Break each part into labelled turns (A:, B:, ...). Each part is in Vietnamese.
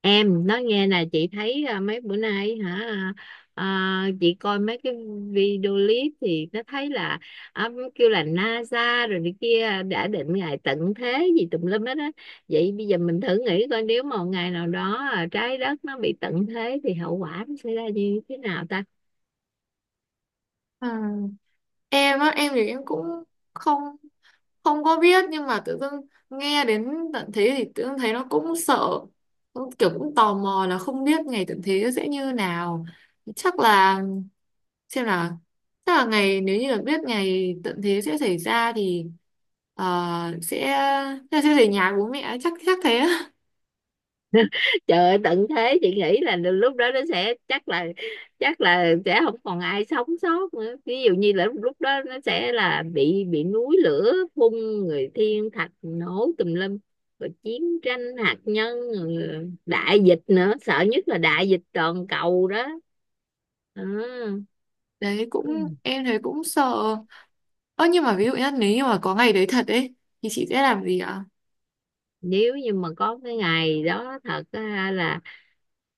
A: Em nói nghe nè, chị thấy mấy bữa nay hả? Chị coi mấy cái video clip thì nó thấy là, kêu là NASA rồi này kia đã định ngày tận thế gì tùm lum hết á. Vậy bây giờ mình thử nghĩ coi nếu mà một ngày nào đó, trái đất nó bị tận thế thì hậu quả nó sẽ ra như thế nào ta?
B: À, em á em thì em cũng không không có biết, nhưng mà tự dưng nghe đến tận thế thì tự dưng thấy nó cũng sợ, cũng kiểu cũng tò mò là không biết ngày tận thế sẽ như nào. Chắc là xem là chắc là ngày, nếu như là biết ngày tận thế sẽ xảy ra thì ờ, sẽ sẽ về nhà bố mẹ, chắc chắc thế á.
A: Trời ơi, tận thế chị nghĩ là lúc đó nó sẽ, chắc là sẽ không còn ai sống sót nữa. Ví dụ như là lúc đó nó sẽ là bị núi lửa phun, người thiên thạch nổ tùm lum, rồi chiến tranh hạt nhân, rồi đại dịch nữa. Sợ nhất là đại dịch toàn cầu đó. Ờ.
B: Đấy cũng
A: Ừ.
B: em thấy cũng sợ. Ơ nhưng mà ví dụ nhá, nếu như mà có ngày đấy thật ấy thì chị sẽ làm gì ạ?
A: Nếu như mà có cái ngày đó thật á, là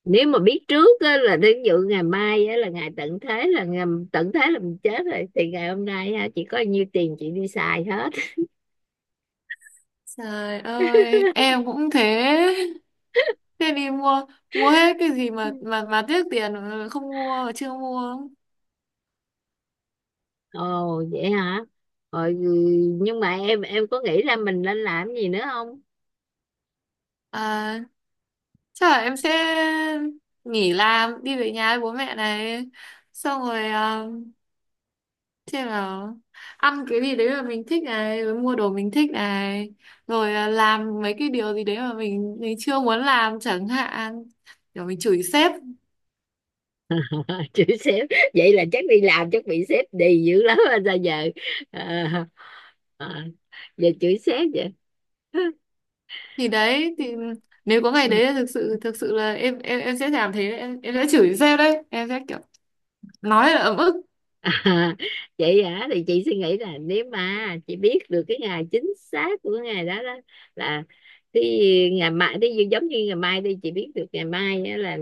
A: nếu mà biết trước á, là đến dự ngày mai á, là ngày tận thế, là ngày tận thế là mình chết rồi thì ngày hôm nay ha, chỉ có nhiêu tiền chị đi xài hết.
B: Trời ơi, em cũng thế. Thế đi mua mua hết cái gì
A: Ừ.
B: mà tiếc tiền không mua mà chưa mua.
A: Ồ vậy hả? Rồi, ừ, nhưng mà em có nghĩ ra mình nên làm gì nữa không?
B: À, chắc là em sẽ nghỉ làm đi về nhà với bố mẹ này. Xong rồi xem nào, ăn cái gì đấy mà mình thích này, rồi mua đồ mình thích này, rồi làm mấy cái điều gì đấy mà mình chưa muốn làm chẳng hạn. Rồi mình chửi sếp.
A: Chữ sếp? Vậy là chắc đi làm chắc bị sếp đì dữ lắm rồi sao giờ? à, à, Giờ chữ sếp vậy.
B: Thì đấy nếu có ngày
A: Ừ.
B: đấy thực sự là em sẽ làm thế đấy. Em sẽ chửi sếp đấy, em sẽ kiểu nói là ấm ức.
A: À, chị hả thì chị suy nghĩ là nếu mà chị biết được cái ngày chính xác của ngày đó đó, là cái ngày mai, cái gì giống như ngày mai đi, chị biết được ngày mai á, là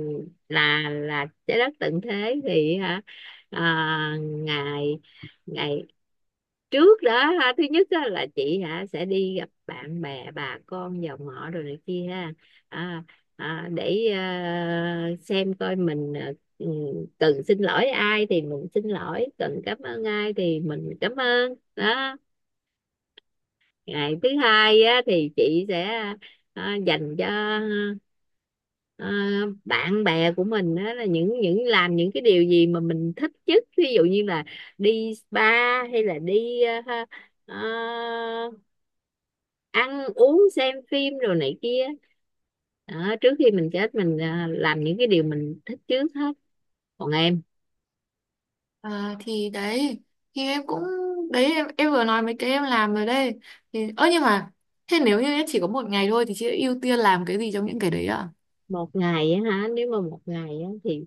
A: là là trái đất tận thế thì hả, ngày ngày trước đó ha, thứ nhất á, là chị hả sẽ đi gặp bạn bè, bà con dòng họ rồi này kia ha, à, để xem coi mình, cần xin lỗi ai thì mình xin lỗi, cần cảm ơn ai thì mình cảm ơn đó. Ngày thứ hai á, thì chị sẽ, dành cho, à, bạn bè của mình á, là những làm những cái điều gì mà mình thích nhất. Ví dụ như là đi spa, hay là đi, à, ăn uống, xem phim rồi này kia. Đó, trước khi mình chết mình, làm những cái điều mình thích trước hết. Còn em?
B: À, thì đấy thì em cũng đấy, em vừa nói mấy cái em làm rồi đây thì. Ơ nhưng mà thế nếu như em chỉ có một ngày thôi thì chị sẽ ưu tiên làm cái gì trong những cái đấy ạ?
A: Một ngày á hả? Nếu mà một ngày á thì,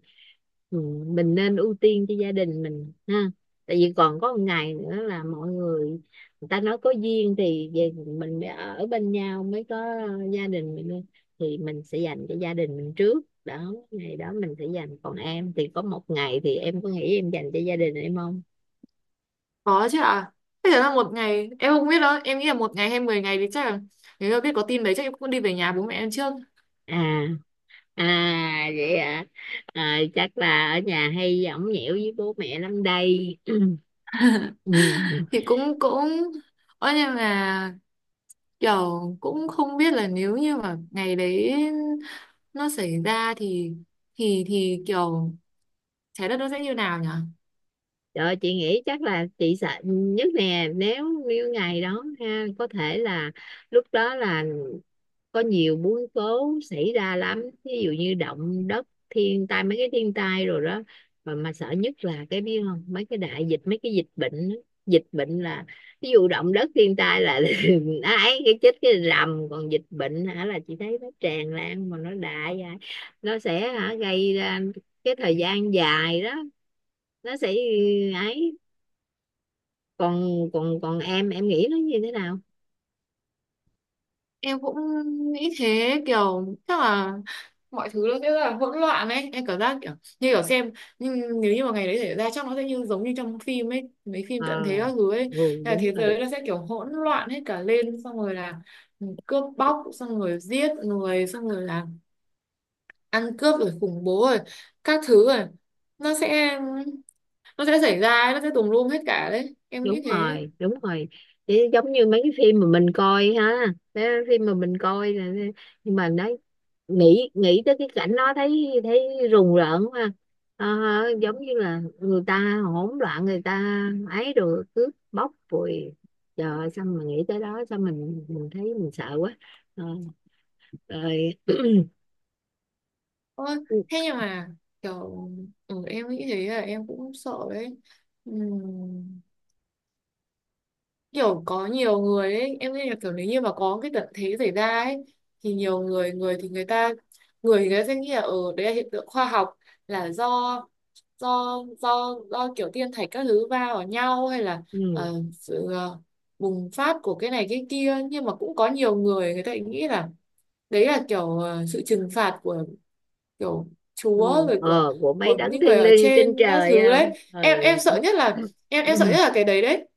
A: ừ, mình nên ưu tiên cho gia đình mình ha. Tại vì còn có một ngày nữa là mọi người, người ta nói có duyên thì về mình mới ở bên nhau, mới có gia đình mình, thì mình sẽ dành cho gia đình mình trước đó. Ngày đó mình sẽ dành. Còn em thì có một ngày thì em có nghĩ em dành cho gia đình em không?
B: Có chứ ạ. Thế là một ngày em không biết đâu, em nghĩ là một ngày hay 10 ngày thì chắc là nếu mà biết có tin đấy, chắc em cũng đi về nhà bố mẹ em trước.
A: À à vậy à, à chắc là ở nhà hay ổng nhẽo với bố mẹ lắm đây. Ừ.
B: Thì cũng cũng ơ nhưng mà kiểu cũng không biết là nếu như mà ngày đấy nó xảy ra thì thì kiểu trái đất nó sẽ như nào nhỉ.
A: Trời, chị nghĩ chắc là chị sợ nhất nè, nếu như ngày đó ha, có thể là lúc đó là có nhiều biến cố xảy ra lắm. Ví dụ như động đất, thiên tai, mấy cái thiên tai rồi đó, mà sợ nhất là cái, biết không, mấy cái đại dịch, mấy cái dịch bệnh á. Dịch bệnh là, ví dụ động đất thiên tai là ấy, cái chết cái rầm, còn dịch bệnh hả là chị thấy nó tràn lan, mà nó đại vậy, nó sẽ hả gây ra cái thời gian dài đó, nó sẽ ấy. Còn, còn em nghĩ nó như thế nào?
B: Em cũng nghĩ thế, kiểu chắc là mọi thứ nó sẽ rất là hỗn loạn ấy, em cảm giác kiểu như kiểu xem. Nhưng nếu như mà ngày đấy xảy ra chắc nó sẽ như giống như trong phim ấy, mấy phim
A: Ờ.
B: tận thế các thứ ấy,
A: Ừ.
B: là
A: Đúng
B: thế giới
A: rồi,
B: nó sẽ kiểu hỗn loạn hết cả lên, xong rồi là cướp bóc, xong rồi giết người, xong rồi là ăn cướp rồi khủng bố rồi các thứ rồi. nó sẽ nó sẽ xảy ra ấy, nó sẽ tùm lum hết cả đấy em nghĩ
A: đúng
B: thế.
A: rồi, đúng rồi. Chứ giống như mấy cái phim mà mình coi ha, mấy cái phim mà mình coi là- nhưng mà đấy, nghĩ nghĩ tới cái cảnh đó thấy thấy rùng rợn quá ha. Ờ, giống như là người ta hỗn loạn, người ta ấy, rồi cướp bóc rồi. Trời ơi, sao mà nghĩ tới đó sao mình thấy mình sợ quá. Ờ, rồi.
B: Ôi, thế nhưng mà kiểu ừ, em nghĩ thế là em cũng sợ đấy. Ừm, kiểu có nhiều người ấy, em nghĩ là kiểu nếu như mà có cái tận thế xảy ra ấy thì nhiều người người thì người ta người thì người ta sẽ nghĩ là ở đấy là hiện tượng khoa học, là do do kiểu thiên thạch các thứ va vào nhau, hay là
A: Ừ.
B: ờ, sự bùng phát của cái này cái kia. Nhưng mà cũng có nhiều người, người ta lại nghĩ là đấy là kiểu sự trừng phạt của kiểu
A: Ừ,
B: chúa, rồi
A: ờ, của mấy
B: của
A: đấng
B: những
A: thiêng
B: người ở
A: liêng trên
B: trên các
A: trời
B: thứ
A: không?
B: đấy.
A: Ừ.
B: Em sợ nhất là Em sợ
A: Ừ.
B: nhất là cái đấy đấy.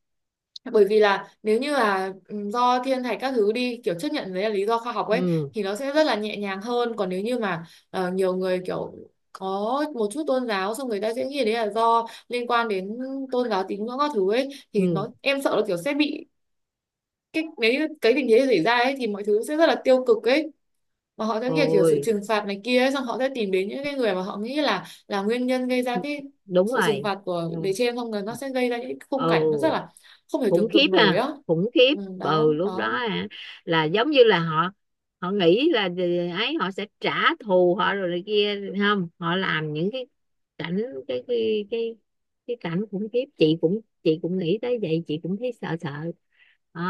B: Bởi vì là nếu như là ừ, do thiên thạch các thứ đi, kiểu chấp nhận đấy là lý do khoa học ấy,
A: Ừ.
B: thì nó sẽ rất là nhẹ nhàng hơn. Còn nếu như mà nhiều người kiểu có một chút tôn giáo, xong người ta sẽ nghĩ đấy là do liên quan đến tôn giáo tín ngưỡng các thứ ấy, thì
A: Ừ.
B: nó em sợ là kiểu sẽ bị cái nếu cái tình thế xảy ra ấy, thì mọi thứ sẽ rất là tiêu cực ấy, mà họ sẽ kiểu sự
A: Ôi,
B: trừng phạt này kia ấy, xong họ sẽ tìm đến những cái người mà họ nghĩ là nguyên nhân gây ra cái
A: đúng
B: sự trừng
A: rồi.
B: phạt của
A: Ừ.
B: bề trên, xong rồi nó sẽ gây ra những cái khung
A: Ừ.
B: cảnh nó rất là không thể
A: Khủng
B: tưởng
A: khiếp
B: tượng nổi
A: ha.
B: á.
A: Khủng khiếp.
B: Ừ, đó
A: Ừ, lúc đó
B: đó.
A: hả, là giống như là họ họ nghĩ là ấy, họ sẽ trả thù họ rồi này kia, không họ làm những cái cảnh, cái cái cái cái cảnh khủng khiếp. Chị cũng nghĩ tới vậy, chị cũng thấy sợ sợ. Ờ,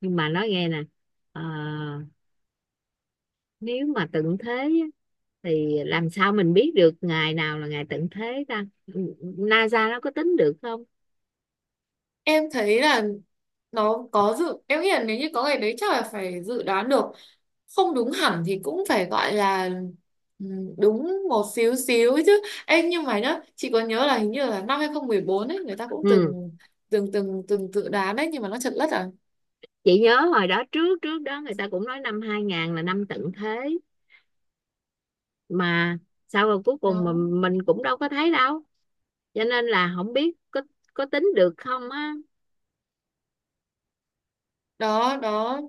A: nhưng mà nói nghe nè, ờ, nếu mà tận thế á, thì làm sao mình biết được ngày nào là ngày tận thế ta? NASA nó có tính được không?
B: Em thấy là nó có dự, em nghĩ là nếu như có ngày đấy chắc là phải dự đoán được, không đúng hẳn thì cũng phải gọi là ừ, đúng một xíu xíu ấy chứ. Em nhưng mà nhá, chị có nhớ là hình như là năm 2014 ấy, người ta cũng
A: Ừ,
B: từng từng từng từng dự đoán đấy nhưng mà nó trật lất à.
A: chị nhớ hồi đó, trước trước đó người ta cũng nói năm 2000 là năm tận thế, mà sau rồi cuối
B: đó
A: cùng mà mình cũng đâu có thấy đâu, cho nên là không biết có tính được không á.
B: đó đó.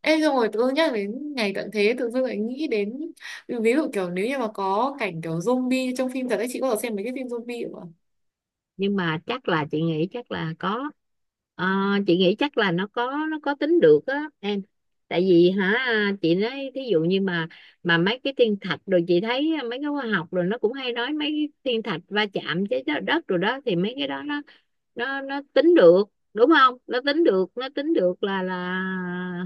B: Ê xong rồi tự dưng nhắc đến ngày tận thế, tự dưng lại nghĩ đến ví dụ kiểu nếu như mà có cảnh kiểu zombie trong phim thật ấy, chị có xem mấy cái phim zombie không ạ?
A: Nhưng mà chắc là chị nghĩ chắc là có. Ờ, chị nghĩ chắc là nó có tính được á em. Tại vì hả, chị nói thí dụ như mà mấy cái thiên thạch rồi, chị thấy mấy cái khoa học rồi, nó cũng hay nói mấy cái thiên thạch va chạm với đất đất rồi đó, thì mấy cái đó nó, nó tính được đúng không? Nó tính được, nó tính được là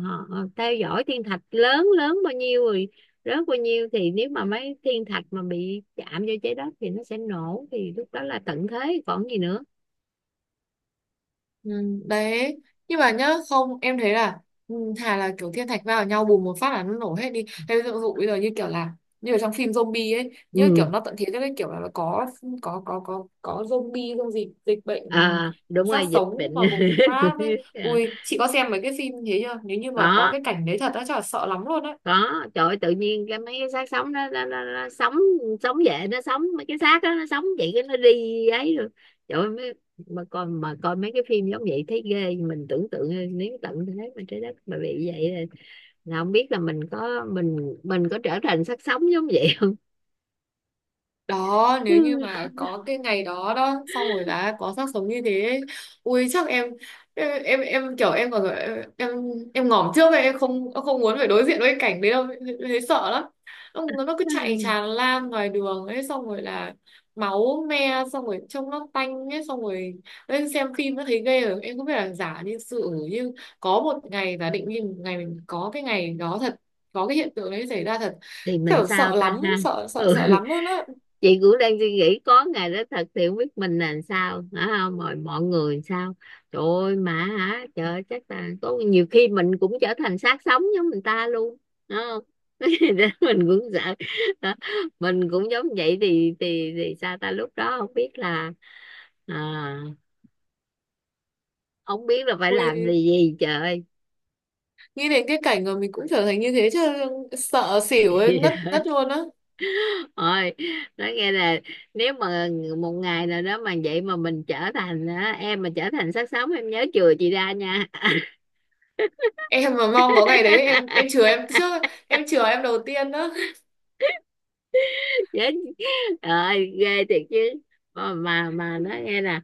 A: họ theo dõi thiên thạch lớn lớn bao nhiêu rồi, rớt bao nhiêu, thì nếu mà mấy thiên thạch mà bị chạm vô trái đất thì nó sẽ nổ, thì lúc đó là tận thế còn gì nữa.
B: Ừ, đấy nhưng mà nhá, không em thấy là ừ, thà là kiểu thiên thạch va vào nhau bùm một phát là nó nổ hết đi thế. Ví dụ bây giờ như kiểu là như ở trong phim zombie ấy, như kiểu
A: Ừ.
B: nó tận thế cho cái kiểu là nó có zombie không gì dịch bệnh.
A: À,
B: Ừ,
A: đúng
B: sát
A: rồi, dịch bệnh.
B: sống mà bùng phát ấy. Ui chị có xem mấy cái phim thế chưa, nếu như mà có
A: Có,
B: cái cảnh đấy thật á chắc là sợ lắm luôn á.
A: có. Trời ơi, tự nhiên cái mấy cái xác sống đó nó, sống sống về, nó sống, mấy cái xác đó nó sống vậy, cái nó đi ấy rồi. Trời ơi, mấy, mà coi mấy cái phim giống vậy thấy ghê. Mình tưởng tượng nếu tận thế mà trái đất mà bị vậy là không biết là mình có, mình có trở thành xác sống giống vậy không.
B: Đó nếu như mà có cái ngày đó đó, xong rồi là có xác sống như thế ấy, ui chắc em kiểu em còn em em ngỏm trước ấy, em không muốn phải đối diện với cái cảnh đấy đâu, em thấy sợ lắm. Nó cứ chạy tràn lan ngoài đường ấy, xong rồi là máu me, xong rồi trông nó tanh ấy, xong rồi lên xem phim nó thấy ghê rồi. Em không biết là giả như sự như có một ngày giả định, như một ngày mình có cái ngày đó thật, có cái hiện tượng đấy xảy ra thật,
A: Thì mình
B: kiểu
A: sao
B: sợ
A: ta
B: lắm,
A: ha?
B: sợ sợ
A: Ừ,
B: sợ lắm luôn á.
A: chị cũng đang suy nghĩ có ngày đó thật thì không biết mình là làm sao hả, không mọi mọi người làm sao. Trời ơi, mà hả, trời ơi, chắc là có nhiều khi mình cũng trở thành xác sống giống người ta luôn đúng không? Để mình cũng sợ. Hả? Mình cũng giống vậy thì, thì sao ta? Lúc đó không biết là, à, không biết là phải làm gì,
B: Ui,
A: gì trời ơi.
B: nghĩ đến cái cảnh mà mình cũng trở thành như thế chứ, sợ xỉu ấy, ngất ngất luôn á.
A: Ôi, nói nghe là, nếu mà một ngày nào đó mà vậy mà mình trở thành á, em mà trở thành xác sống em nhớ chừa chị ra nha.
B: Em mà mong có ngày đấy em chừa em trước, em chừa em đầu tiên đó.
A: Chết rồi, ghê thiệt chứ. Mà nói nghe nè,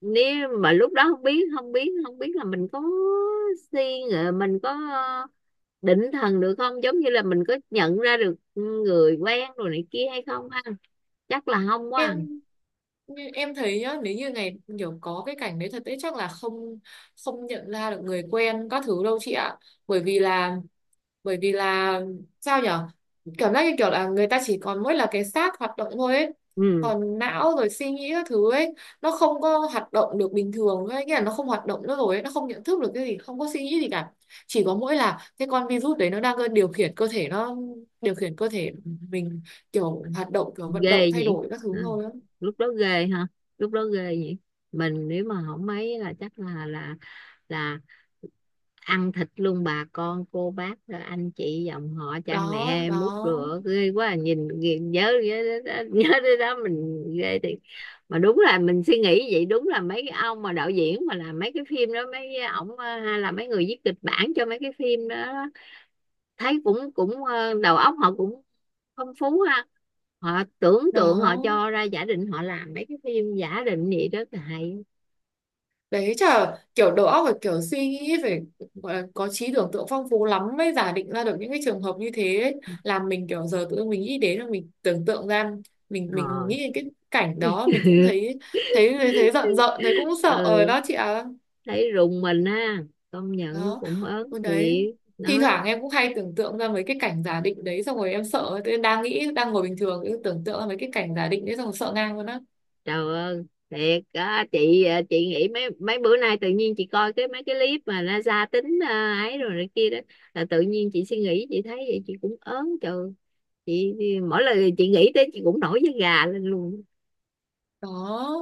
A: nếu mà lúc đó không biết, không biết là mình có suy nghĩ, mình có, định thần được không, giống như là mình có nhận ra được người quen rồi này kia hay không ha? Chắc là không quá à.
B: Em như em thấy nhá, nếu như ngày kiểu có cái cảnh đấy thật đấy chắc là không không nhận ra được người quen các thứ đâu chị ạ. Bởi vì là bởi vì là sao nhở, cảm giác như kiểu là người ta chỉ còn mỗi là cái xác hoạt động thôi ấy.
A: Ừ.
B: Còn não rồi suy nghĩ các thứ ấy, nó không có hoạt động được bình thường ấy, nghĩa là nó không hoạt động nữa rồi ấy. Nó không nhận thức được cái gì, không có suy nghĩ gì cả, chỉ có mỗi là cái con virus đấy nó đang điều khiển cơ thể, nó điều khiển cơ thể mình kiểu hoạt động kiểu vận động
A: Ghê
B: thay
A: nhỉ.
B: đổi các thứ
A: Ừ.
B: thôi.
A: Lúc đó ghê ha. Lúc đó ghê nhỉ. Mình nếu mà không mấy là chắc là, là ăn thịt luôn bà con, cô bác, anh chị, dòng họ, cha
B: đó
A: mẹ, mút
B: đó
A: rửa ghê quá à. Nhìn, nhớ, đến đó, nhớ đến đó mình ghê thì. Mà đúng là mình suy nghĩ vậy, đúng là mấy cái ông mà đạo diễn mà làm mấy cái phim đó, mấy ổng, hay là mấy người viết kịch bản cho mấy cái phim đó, thấy cũng cũng đầu óc họ cũng phong phú ha. Họ tưởng
B: đó
A: tượng, họ
B: đó.
A: cho ra giả định, họ làm mấy cái phim giả định vậy đó là hay.
B: Đấy chả kiểu đầu óc phải kiểu suy nghĩ phải gọi là có trí tưởng tượng phong phú lắm mới giả định ra được những cái trường hợp như thế ấy. Làm mình kiểu giờ tự dưng mình nghĩ đến là mình tưởng tượng ra, mình
A: Ờ.
B: nghĩ đến cái cảnh đó, mình cũng thấy thấy thấy giận giận, thấy cũng sợ rồi
A: Ừ.
B: đó chị ạ.
A: Thấy rùng mình ha, công nhận nó
B: Đó.
A: cũng ớn
B: Ừ, đấy
A: thiệt
B: thi
A: nói.
B: thoảng em cũng hay tưởng tượng ra mấy cái cảnh giả định đấy, xong rồi em sợ. Tự nhiên đang nghĩ, đang ngồi bình thường cứ tưởng tượng ra mấy cái cảnh giả định đấy, xong rồi sợ ngang luôn á.
A: Trời ơi, thiệt á chị à, chị nghĩ mấy mấy bữa nay tự nhiên chị coi cái mấy cái clip mà NASA tính, ấy rồi này kia đó, là tự nhiên chị suy nghĩ, chị thấy vậy chị cũng ớn trời. Chị mỗi lần chị nghĩ tới chị cũng nổi da gà lên luôn.
B: Đó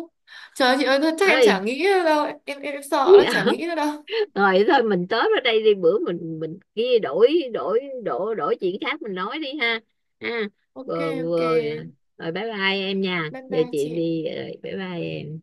B: trời ơi, chị ơi chắc em chả
A: Ơi.
B: nghĩ nữa đâu, em sợ đó chả nghĩ nữa đâu.
A: Rồi thôi mình tới ở đây đi, bữa mình, kia đổi, đổi chuyện khác mình nói đi ha. Ha,
B: OK.
A: vừa
B: OK.
A: vừa rồi. Bye bye em nha,
B: Bye
A: giờ
B: bye
A: chị
B: chị.
A: đi rồi, bye bye em.